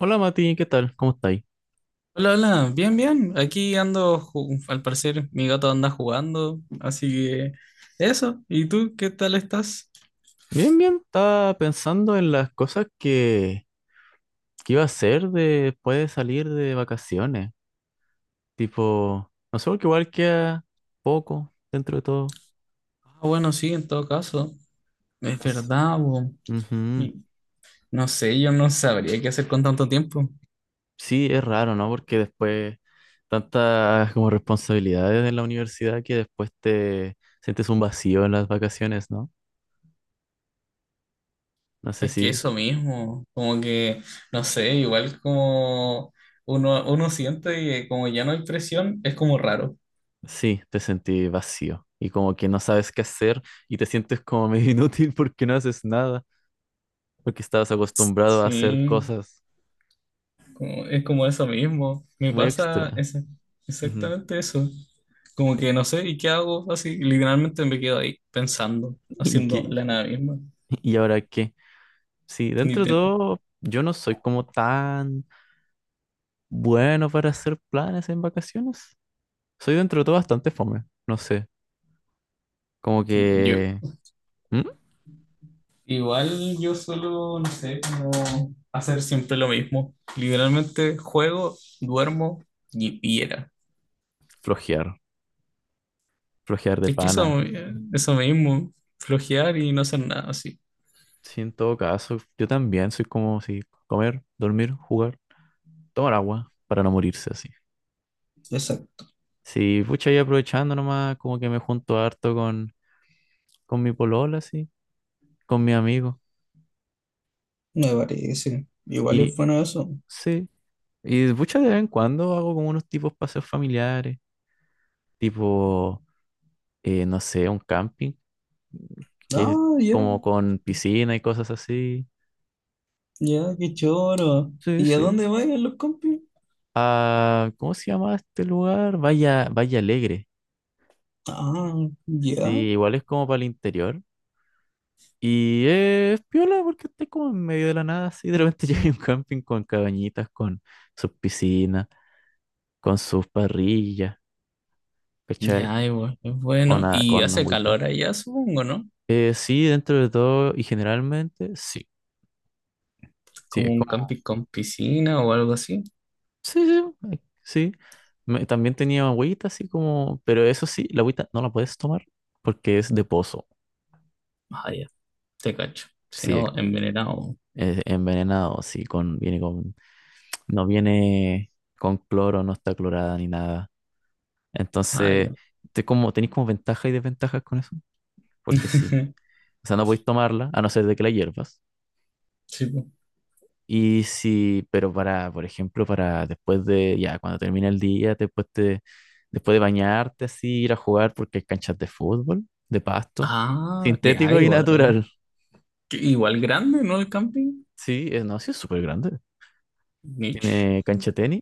Hola Mati, ¿qué tal? ¿Cómo estáis? Hola, hola, bien, bien. Aquí ando, al parecer mi gato anda jugando, así que eso. ¿Y tú qué tal estás? Bien, bien. Estaba pensando en las cosas que iba a hacer después de salir de vacaciones. Tipo, no sé, porque igual queda poco dentro de todo. Ah, bueno, sí, en todo caso. Es Entonces, verdad, bo. ujú. Y No sé, yo no sabría qué hacer con tanto tiempo. Sí, es raro, ¿no? Porque después tantas como responsabilidades en la universidad que después te sientes un vacío en las vacaciones, ¿no? No sé Es si, que eso mismo, como que, no sé, igual como uno siente que como ya no hay presión, es como raro. sí, te sentí vacío y como que no sabes qué hacer y te sientes como medio inútil porque no haces nada. Porque estabas acostumbrado a hacer Sí. cosas Es como eso mismo. Me muy pasa extra. esa- Ujú. exactamente eso. Como que no sé, ¿y qué hago? Así, literalmente me quedo ahí pensando, ¿Y haciendo qué? la nada misma. ¿Y ahora qué? Sí, Ni dentro de ten- todo, yo no soy como tan bueno para hacer planes en vacaciones. Soy dentro de todo bastante fome, no sé, como yo. que ¿Mm? Igual yo solo, no sé, como hacer siempre lo mismo. Literalmente juego, duermo y era. Flojear, flojear de Es que pana. eso mismo, flojear y no hacer nada así. Sí, en todo caso, yo también soy como si comer, dormir, jugar, tomar agua para no morirse así. Exacto, Sí, pucha, y aprovechando nomás, como que me junto harto con con mi polola, así. Con mi amigo. me parece. Igual Y es bueno eso. sí, y muchas de vez en cuando hago como unos tipos paseos familiares, tipo, no sé, un camping, que es Ah, ya. como con piscina y cosas así. Ya, qué choro. Sí, ¿Y a sí. dónde vayan los compis? Ah, ¿cómo se llama este lugar? Vaya, Vaya Alegre. Ah, ya. Sí, igual es como para el interior. Y es piola porque está como en medio de la nada, así. De repente llega un camping con cabañitas, con sus piscinas, con sus parrillas, ¿cachai? Ya, y es Con, bueno. Y con hace agüita. calor allá, supongo, ¿no? Sí, dentro de todo y generalmente, sí. Sí, Como es un como, camping con piscina o algo así. sí, sí, sí. También tenía agüita, así como, pero eso sí, la agüita no la puedes tomar porque es de pozo. Ah, ya, te cacho. Si Sí, no, envenenado. es envenenado, sí, con, viene con, no viene con cloro, no está clorada ni nada. Ah, Entonces, ya. te como, tenéis como ventajas y desventajas con eso, porque sí. O sea, no podéis tomarla, a no ser de que la hiervas. Sí, po. Y si, pero para, por ejemplo, para después de, ya, cuando termina el día, después de bañarte, así, ir a jugar, porque hay canchas de fútbol, de pasto, Ah, ya, sintético y igual, ¿eh? natural. Que igual grande, ¿no? El camping. Sí, no, sí es súper grande. Niche. Tiene cancha de tenis,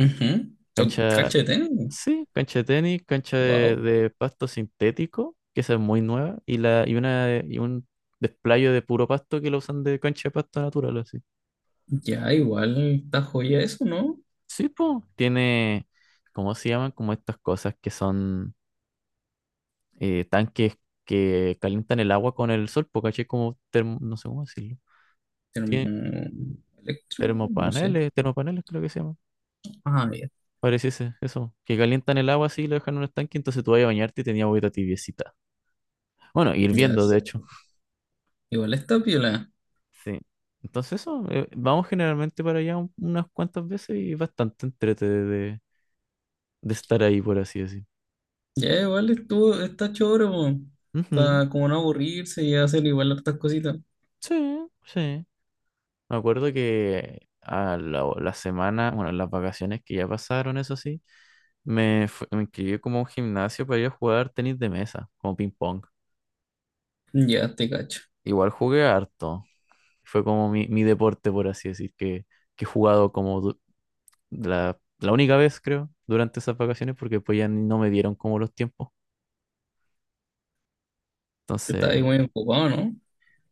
Ujú. cancha, Cachete. sí, cancha de tenis, cancha Wow. de pasto sintético, que esa es muy nueva, y y un desplayo de puro pasto que lo usan de cancha de pasto natural, así. Ya, igual está joya eso, ¿no? Sí, pues, tiene, ¿cómo se llaman? Como estas cosas que son tanques que calientan el agua con el sol, porque caché como no sé cómo decirlo. Tiene Electro, no sé. termopaneles, termopaneles creo que se llaman. Ah, ya. Pareciese eso, que calientan el agua así y lo dejan en un estanque, entonces tú vas a bañarte y tenías agüita tibiecita. Bueno, Ya, hirviendo, de hecho. igual está piola. Sí. Entonces eso, vamos generalmente para allá unas cuantas veces y bastante entrete de estar ahí, por así decir. Ya, igual estuvo, está choro, Ujú. para como no aburrirse y hacer igual hartas cositas. Sí, sí. Me acuerdo que a la semana, bueno, las vacaciones que ya pasaron, eso sí, me inscribí como a un gimnasio para ir a jugar tenis de mesa, como ping pong. Ya, te cacho. Igual jugué harto. Fue como mi deporte, por así decir, que he jugado como la única vez, creo, durante esas vacaciones, porque pues ya no me dieron como los tiempos. Está Entonces, ahí muy ocupado, ¿no?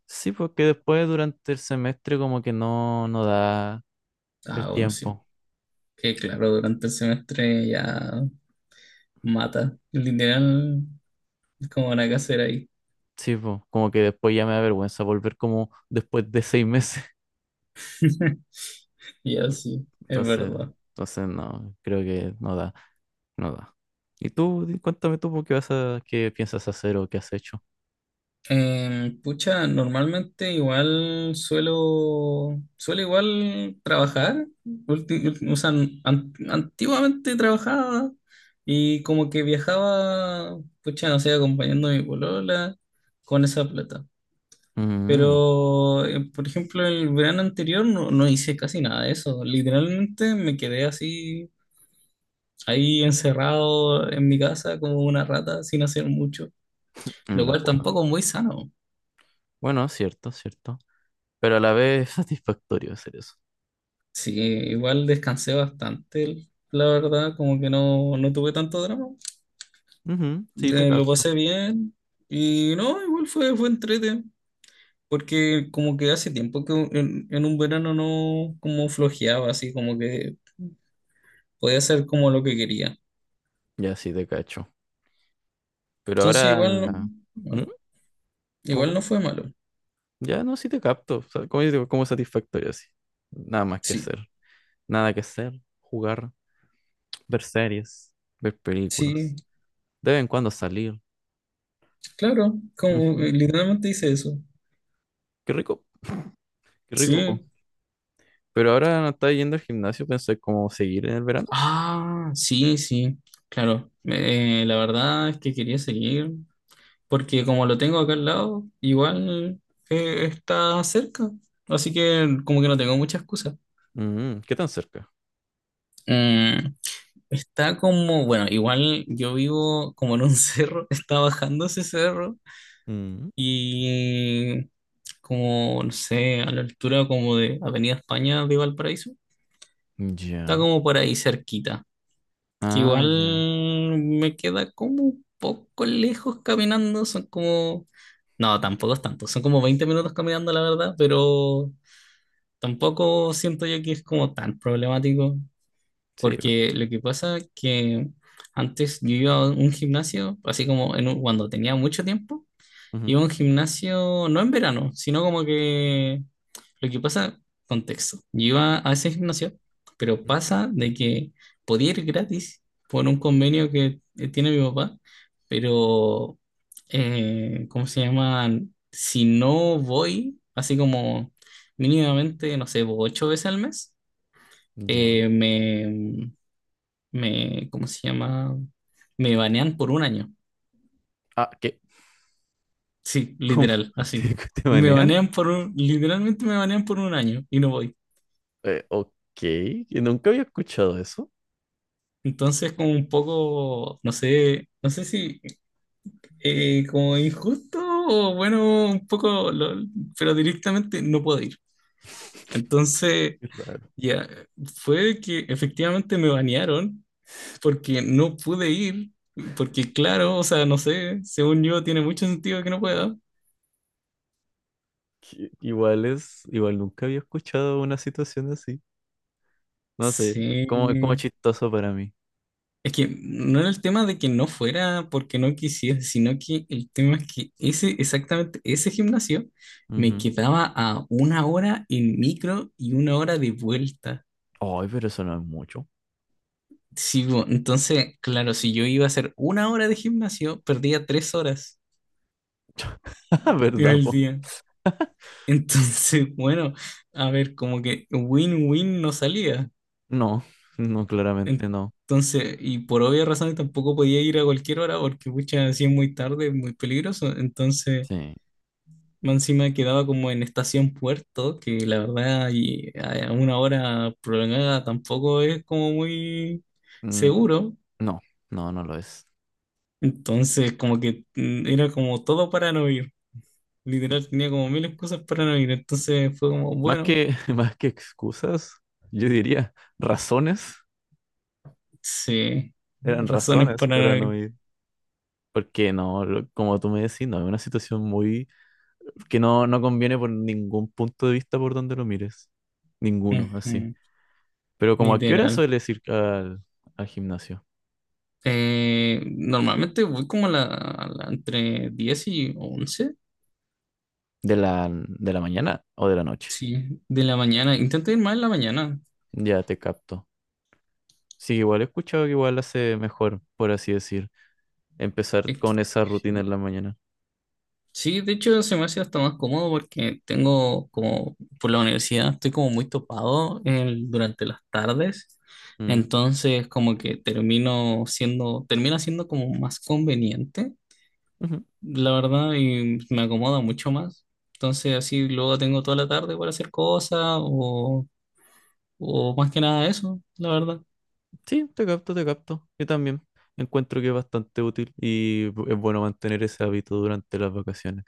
sí, porque después durante el semestre como que no, no da el Ah, bueno, sí. tiempo. Que claro, durante el semestre ya mata. Literal, es como una casera ahí. Sí, pues, como que después ya me da vergüenza volver como después de 6 meses. Ya, Por- sí, es Entonces, verdad. entonces no, creo que no da, no da. Y tú, cuéntame tú, po, ¿qué vas qué piensas hacer o qué has hecho? Pucha, normalmente igual suelo igual trabajar. O sea, antiguamente trabajaba y como que viajaba, pucha, no sé, acompañando a mi polola con esa plata. Mm, Pero, por ejemplo, el verano anterior no hice casi nada de eso. Literalmente me quedé así, ahí encerrado en mi casa como una rata sin hacer mucho, en lo la cual cueva. tampoco es muy sano. Bueno, cierto, cierto. Pero a la vez es satisfactorio hacer eso. Sí, igual descansé bastante, la verdad, como que no tuve tanto drama. Ujú, sí, te Lo capto. pasé bien y no, igual fue, entrete, porque como que hace tiempo que en un verano no como flojeaba, así como que podía hacer como lo que quería. Ya sí te cacho. Pero Entonces igual ahora... no, ¿Mm? malo. ¿Cómo, Igual cómo? no fue malo. Ya no, sí te capto. O sea, como, yo digo, como satisfactorio así. Nada más que Sí, hacer. Nada que hacer. Jugar. Ver series, ver sí, películas, de vez en cuando salir. claro, como Ujú. Literalmente hice eso. Qué rico, qué rico. Po. Sí. Pero ahora no está yendo al gimnasio, pensé como seguir en el verano. Ah, sí, sí, claro. La verdad es que quería seguir, porque como lo tengo acá al lado, igual está cerca, así que como que no tengo mucha excusa. Mm, ¿qué tan cerca? Mm, está como, bueno, igual yo vivo como en un cerro, está bajando ese cerro Mm, y como, no sé, a la altura como de Avenida España de Valparaíso, está ya. como por ahí cerquita, que Ah, ya. igual me queda como un poco lejos caminando, son como... No, tampoco es tanto. Son como 20 minutos caminando, la verdad, pero tampoco siento yo que es como tan problemático, Sí. Porque lo que pasa es que antes yo iba a un gimnasio, así como cuando tenía mucho tiempo. ujú, Iba a un gimnasio, no en verano, sino como que lo que pasa, contexto. Yo iba a ese gimnasio, pero ujú, pasa de que podía ir gratis por un convenio que tiene mi papá, pero, ¿cómo se llama? Si no voy, así como mínimamente, no sé, ocho veces al mes, ya. eh, me, me, ¿cómo se llama? Me banean por un año. Ah, ¿qué? Sí, ¿Cómo? literal, así. ¿Te, te Me banean? banean por un, literalmente me banean por un año y no voy. Ok, que nunca había escuchado eso. Entonces, como un poco, no sé si como injusto o bueno, un poco, pero directamente no puedo ir. Entonces, Qué raro. ya, fue que efectivamente me banearon porque no pude ir, porque claro, o sea, no sé, según yo tiene mucho sentido que no pueda. Que igual es, igual nunca había escuchado una situación así. No sé, como, como Sí. chistoso para mí. Es que no era el tema de que no fuera porque no quisiera, sino que el tema es que ese, exactamente ese gimnasio me quedaba a una hora en micro y una hora de vuelta. Ay, pero eso no es mucho. Sí, entonces, claro, si yo iba a hacer una hora de gimnasio, perdía 3 horas en ¿Verdad, el po? día. Entonces, bueno, a ver, como que win-win no salía. No, no, claramente no. Entonces, y por obvias razones tampoco podía ir a cualquier hora porque, pucha, así es muy tarde, es muy peligroso. Entonces... Sí. Más encima quedaba como en Estación Puerto, que la verdad y a una hora prolongada tampoco es como muy Mm, seguro. no, no, no lo es. Entonces como que era como todo para no ir. Mm, Literal tenía como mil excusas para no ir. Entonces fue como, más bueno, más que excusas, yo diría razones. sí, Eran razones razones para para no no ir. ir. Porque no, como tú me decís, no, es una situación muy que no, no conviene por ningún punto de vista por donde lo mires. Ninguno, así. Ujú, Pero como a qué hora literal. sueles ir al gimnasio? Normalmente voy como entre 10 y 11. ¿De de la mañana o de la noche? Sí, de la mañana. Intento ir más en la mañana. Ya te capto. Sí, igual he escuchado que igual hace mejor, por así decir, empezar Es que, con esa rutina sí. en la mañana. Sí, de hecho se me hace hasta más cómodo porque tengo como por la universidad estoy como muy topado durante las tardes, Mm, entonces como que termino siendo, termina siendo como más conveniente, ujú. la verdad, y me acomoda mucho más. Entonces así luego tengo toda la tarde para hacer cosas o más que nada eso, la verdad. Sí, te capto, te capto. Yo también encuentro que es bastante útil y es bueno mantener ese hábito durante las vacaciones.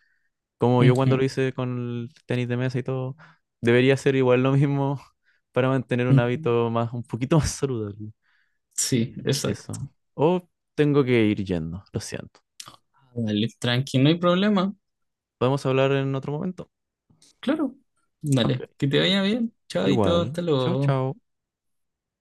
Como yo Ujú, cuando lo hice con el tenis de mesa y todo, debería ser igual lo mismo para mantener un ujú. hábito más, un poquito más saludable. Ujú. Sí, Eso. exacto. O tengo que ir yendo, lo siento. Dale, tranqui, no hay problema. Podemos hablar en otro momento. Claro. Ok. Dale, que te vaya bien. Chaito, Igual. hasta Chao, luego. chao.